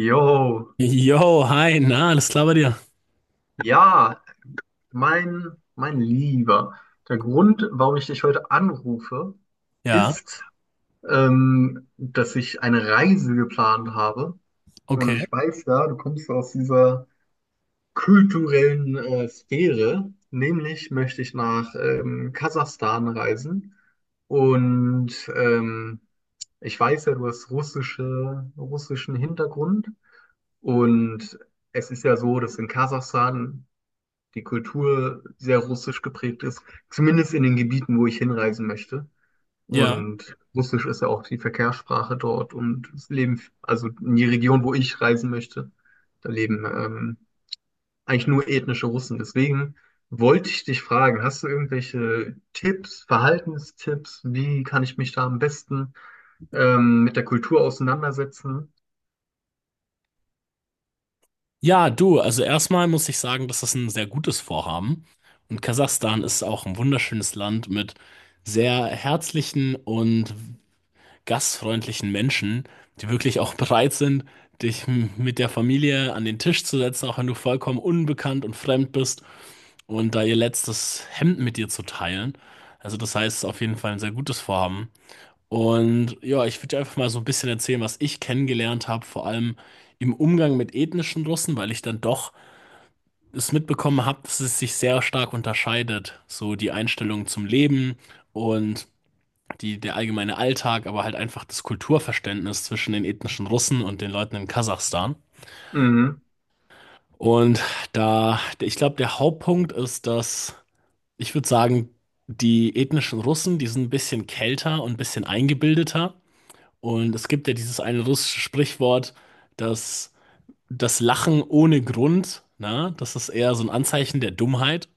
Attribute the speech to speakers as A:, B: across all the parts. A: Jo,
B: Yo, hi, na, alles klar bei dir?
A: ja, mein Lieber, der Grund, warum ich dich heute anrufe,
B: Ja,
A: ist, dass ich eine Reise geplant habe. Und
B: okay.
A: ich weiß ja, du kommst aus dieser kulturellen Sphäre. Nämlich möchte ich nach Kasachstan reisen. Und ich weiß ja, du hast russischen Hintergrund und es ist ja so, dass in Kasachstan die Kultur sehr russisch geprägt ist, zumindest in den Gebieten, wo ich hinreisen möchte.
B: Ja.
A: Und Russisch ist ja auch die Verkehrssprache dort und es leben, also in die Region, wo ich reisen möchte, da leben eigentlich nur ethnische Russen. Deswegen wollte ich dich fragen, hast du irgendwelche Tipps, Verhaltenstipps? Wie kann ich mich da am besten mit der Kultur auseinandersetzen?
B: Ja, du, also erstmal muss ich sagen, dass das ein sehr gutes Vorhaben. Und Kasachstan ist auch ein wunderschönes Land mit sehr herzlichen und gastfreundlichen Menschen, die wirklich auch bereit sind, dich mit der Familie an den Tisch zu setzen, auch wenn du vollkommen unbekannt und fremd bist und da ihr letztes Hemd mit dir zu teilen. Also das heißt, es ist auf jeden Fall ein sehr gutes Vorhaben. Und ja, ich würde dir einfach mal so ein bisschen erzählen, was ich kennengelernt habe, vor allem im Umgang mit ethnischen Russen, weil ich dann doch es mitbekommen habe, dass es sich sehr stark unterscheidet. So die Einstellung zum Leben und die, der allgemeine Alltag, aber halt einfach das Kulturverständnis zwischen den ethnischen Russen und den Leuten in Kasachstan.
A: Mhm.
B: Und da, ich glaube, der Hauptpunkt ist, dass, ich würde sagen, die ethnischen Russen, die sind ein bisschen kälter und ein bisschen eingebildeter. Und es gibt ja dieses eine russische Sprichwort, dass das Lachen ohne Grund, na, das ist eher so ein Anzeichen der Dummheit.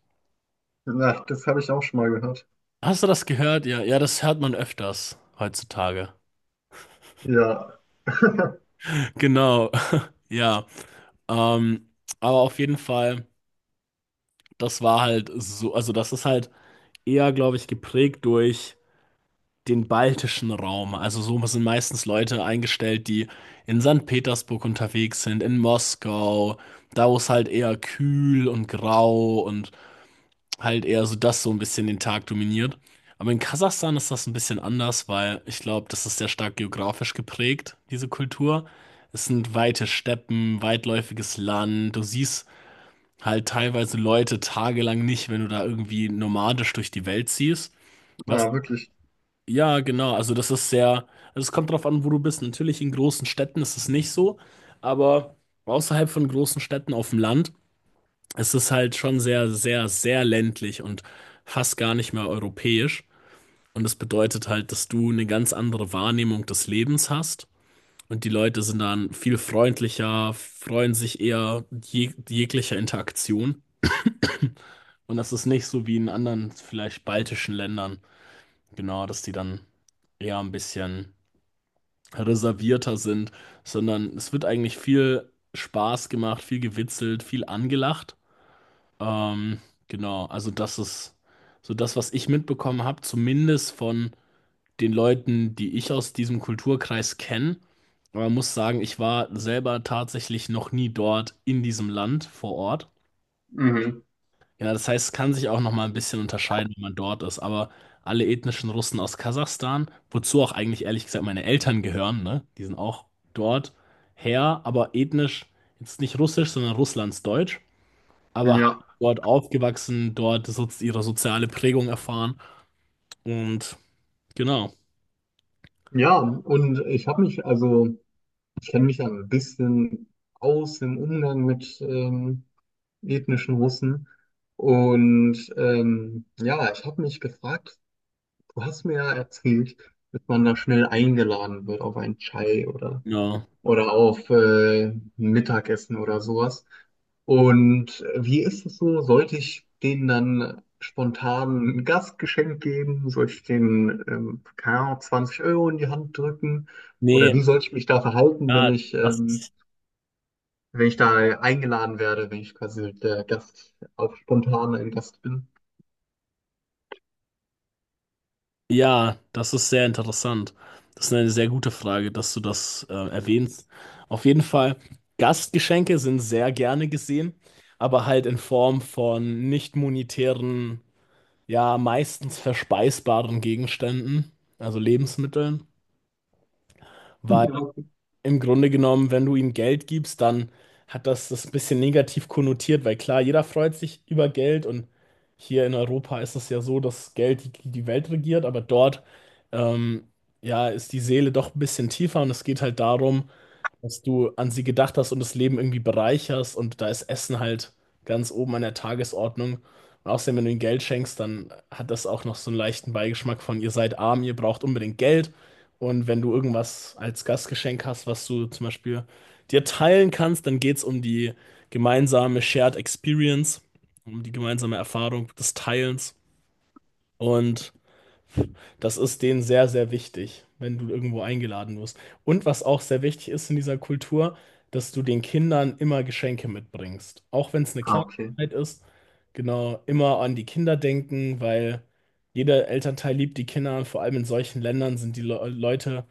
A: Ja, das habe ich auch schon mal gehört.
B: Hast du das gehört? Ja, ja, das hört man öfters heutzutage.
A: Ja.
B: Genau, ja. Ähm, aber auf jeden Fall, das war halt so, also das ist halt eher, glaube ich, geprägt durch den baltischen Raum. Also so sind meistens Leute eingestellt, die in Sankt Petersburg unterwegs sind, in Moskau, da wo es halt eher kühl und grau und halt eher so das so ein bisschen den Tag dominiert. Aber in Kasachstan ist das ein bisschen anders, weil ich glaube, das ist sehr stark geografisch geprägt, diese Kultur. Es sind weite Steppen, weitläufiges Land. Du siehst halt teilweise Leute tagelang nicht, wenn du da irgendwie nomadisch durch die Welt ziehst. Was?
A: Ah, wirklich.
B: Ja, genau. Also das ist sehr, also es kommt drauf an, wo du bist. Natürlich in großen Städten ist es nicht so, aber außerhalb von großen Städten auf dem Land, es ist halt schon sehr, sehr, sehr ländlich und fast gar nicht mehr europäisch. Und das bedeutet halt, dass du eine ganz andere Wahrnehmung des Lebens hast. Und die Leute sind dann viel freundlicher, freuen sich eher jeglicher Interaktion. Und das ist nicht so wie in anderen, vielleicht baltischen Ländern, genau, dass die dann eher ein bisschen reservierter sind, sondern es wird eigentlich viel Spaß gemacht, viel gewitzelt, viel angelacht. Ähm, genau, also das ist so das, was ich mitbekommen habe, zumindest von den Leuten, die ich aus diesem Kulturkreis kenne. Aber man muss sagen, ich war selber tatsächlich noch nie dort in diesem Land vor Ort.
A: Mhm.
B: Ja, das heißt, es kann sich auch noch mal ein bisschen unterscheiden, wenn man dort ist. Aber alle ethnischen Russen aus Kasachstan, wozu auch eigentlich ehrlich gesagt meine Eltern gehören, ne? Die sind auch dort her, aber ethnisch jetzt nicht russisch, sondern russlandsdeutsch, aber halt
A: Ja,
B: dort aufgewachsen, dort so, ihre soziale Prägung erfahren, und genau,
A: ja, und ich habe mich, also ich kenne mich ja ein bisschen aus im Umgang mit ethnischen Russen. Und ja, ich habe mich gefragt, du hast mir ja erzählt, dass man da schnell eingeladen wird auf einen Chai
B: ja.
A: oder auf Mittagessen oder sowas. Und wie ist es so? Sollte ich denen dann spontan ein Gastgeschenk geben? Soll ich denen, keine Ahnung, 20 € in die Hand drücken? Oder
B: Nee,
A: wie soll ich mich da verhalten, wenn
B: ja,
A: ich,
B: das ist,
A: wenn ich da eingeladen werde, wenn ich quasi der Gast, auch spontan ein Gast bin?
B: ja, das ist sehr interessant. Das ist eine sehr gute Frage, dass du das erwähnst. Auf jeden Fall, Gastgeschenke sind sehr gerne gesehen, aber halt in Form von nicht monetären, ja, meistens verspeisbaren Gegenständen, also Lebensmitteln, weil
A: Ja.
B: im Grunde genommen, wenn du ihm Geld gibst, dann hat das ein bisschen negativ konnotiert, weil klar, jeder freut sich über Geld und hier in Europa ist es ja so, dass Geld die Welt regiert, aber dort ähm, ja, ist die Seele doch ein bisschen tiefer und es geht halt darum, dass du an sie gedacht hast und das Leben irgendwie bereicherst und da ist Essen halt ganz oben an der Tagesordnung. Und außerdem, wenn du ihnen Geld schenkst, dann hat das auch noch so einen leichten Beigeschmack von, ihr seid arm, ihr braucht unbedingt Geld. Und wenn du irgendwas als Gastgeschenk hast, was du zum Beispiel dir teilen kannst, dann geht es um die gemeinsame Shared Experience, um die gemeinsame Erfahrung des Teilens. Und das ist denen sehr, sehr wichtig, wenn du irgendwo eingeladen wirst. Und was auch sehr wichtig ist in dieser Kultur, dass du den Kindern immer Geschenke mitbringst. Auch wenn es eine
A: Ah, okay.
B: Kleinigkeit ist, genau, immer an die Kinder denken, weil jeder Elternteil liebt die Kinder und vor allem in solchen Ländern sind die Le Leute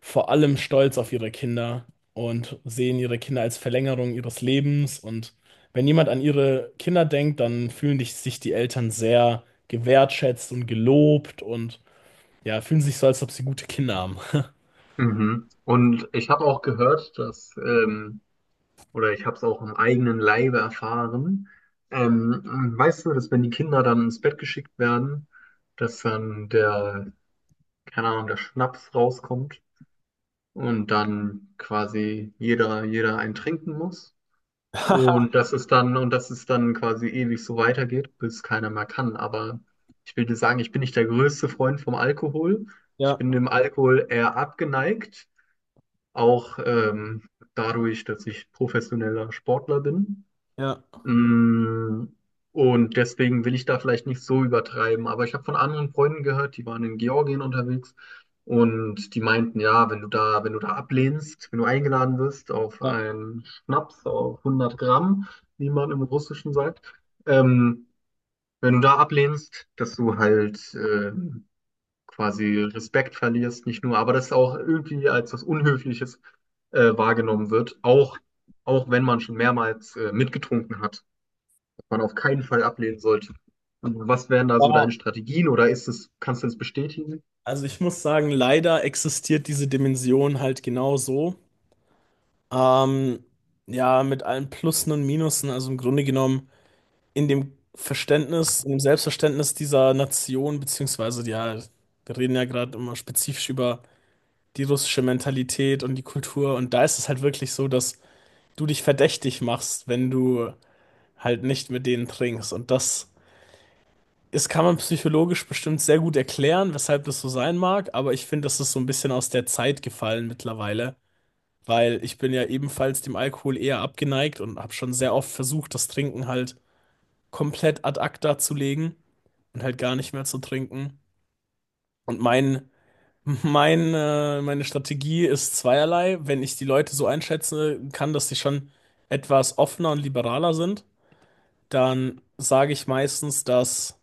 B: vor allem stolz auf ihre Kinder und sehen ihre Kinder als Verlängerung ihres Lebens. Und wenn jemand an ihre Kinder denkt, dann fühlen sich die Eltern sehr gewertschätzt und gelobt und ja, fühlen sich so, als ob sie gute Kinder haben.
A: Mhm. Und ich habe auch gehört, dass oder ich habe es auch im eigenen Leibe erfahren. Ähm, Weißt du, dass wenn die Kinder dann ins Bett geschickt werden, dass dann der, keine Ahnung, der Schnaps rauskommt und dann quasi jeder einen trinken muss. Und dass es dann quasi ewig so weitergeht, bis keiner mehr kann. Aber ich will dir sagen, ich bin nicht der größte Freund vom Alkohol. Ich bin dem Alkohol eher abgeneigt, auch dadurch, dass ich professioneller Sportler bin.
B: Ja,
A: Mm, und deswegen will ich da vielleicht nicht so übertreiben. Aber ich habe von anderen Freunden gehört, die waren in Georgien unterwegs und die meinten, ja, wenn du da ablehnst, wenn du eingeladen wirst auf
B: ja.
A: einen Schnaps auf 100 Gramm, wie man im Russischen sagt, ähm, wenn du da ablehnst, dass du halt quasi Respekt verlierst, nicht nur, aber das auch irgendwie als was Unhöfliches wahrgenommen wird, auch wenn man schon mehrmals mitgetrunken hat man auf keinen Fall ablehnen sollte. Und was wären da so deine
B: Aber,
A: Strategien oder ist es, kannst du es bestätigen?
B: also ich muss sagen, leider existiert diese Dimension halt genau so. Ähm, ja, mit allen Plussen und Minusen, also im Grunde genommen in dem Verständnis, in dem Selbstverständnis dieser Nation, beziehungsweise, ja, wir reden ja gerade immer spezifisch über die russische Mentalität und die Kultur und da ist es halt wirklich so, dass du dich verdächtig machst, wenn du halt nicht mit denen trinkst und das kann man psychologisch bestimmt sehr gut erklären, weshalb das so sein mag, aber ich finde, das ist so ein bisschen aus der Zeit gefallen mittlerweile, weil ich bin ja ebenfalls dem Alkohol eher abgeneigt und habe schon sehr oft versucht, das Trinken halt komplett ad acta zu legen und halt gar nicht mehr zu trinken. Und meine Strategie ist zweierlei. Wenn ich die Leute so einschätzen kann, dass sie schon etwas offener und liberaler sind, dann sage ich meistens, dass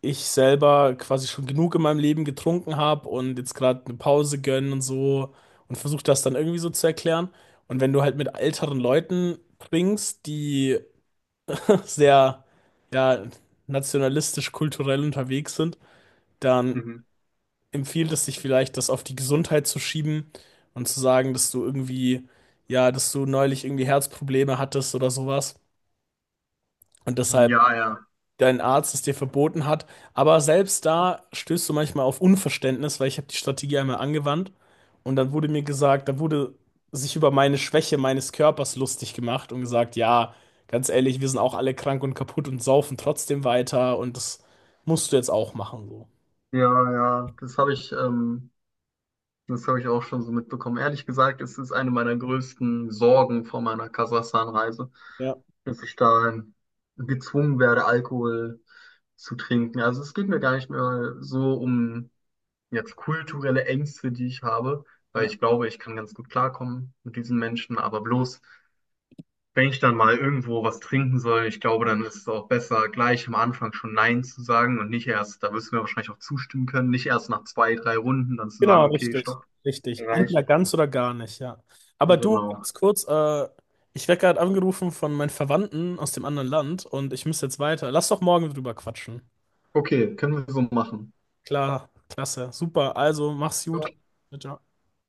B: ich selber quasi schon genug in meinem Leben getrunken habe und jetzt gerade eine Pause gönnen und so und versuche das dann irgendwie so zu erklären. Und wenn du halt mit älteren Leuten trinkst, die sehr, ja, nationalistisch, kulturell unterwegs sind, dann
A: Mhm.
B: empfiehlt es sich vielleicht, das auf die Gesundheit zu schieben und zu sagen, dass du irgendwie, ja, dass du neulich irgendwie Herzprobleme hattest oder sowas. Und deshalb
A: Ja, ja.
B: dein Arzt es dir verboten hat. Aber selbst da stößt du manchmal auf Unverständnis, weil ich habe die Strategie einmal angewandt und dann wurde mir gesagt, da wurde sich über meine Schwäche meines Körpers lustig gemacht und gesagt, ja, ganz ehrlich, wir sind auch alle krank und kaputt und saufen trotzdem weiter und das musst du jetzt auch machen, so.
A: Ja, ja. Das habe ich auch schon so mitbekommen. Ehrlich gesagt, es ist eine meiner größten Sorgen vor meiner Kasachstan-Reise,
B: Ja,
A: dass ich da gezwungen werde, Alkohol zu trinken. Also es geht mir gar nicht mehr so um jetzt kulturelle Ängste, die ich habe, weil
B: ja.
A: ich glaube, ich kann ganz gut klarkommen mit diesen Menschen, aber bloß wenn ich dann mal irgendwo was trinken soll, ich glaube, dann ist es auch besser, gleich am Anfang schon Nein zu sagen und nicht erst, da wirst du mir wahrscheinlich auch zustimmen können, nicht erst nach zwei, drei Runden dann zu
B: Genau,
A: sagen, okay,
B: richtig,
A: stopp,
B: richtig. Entweder
A: reicht.
B: ganz oder gar nicht, ja. Aber du,
A: Genau.
B: ganz kurz, ich werde gerade angerufen von meinen Verwandten aus dem anderen Land und ich muss jetzt weiter. Lass doch morgen drüber quatschen.
A: Okay, können wir so machen.
B: Klar, klasse, super. Also, mach's gut.
A: Ja.
B: Ciao, ciao.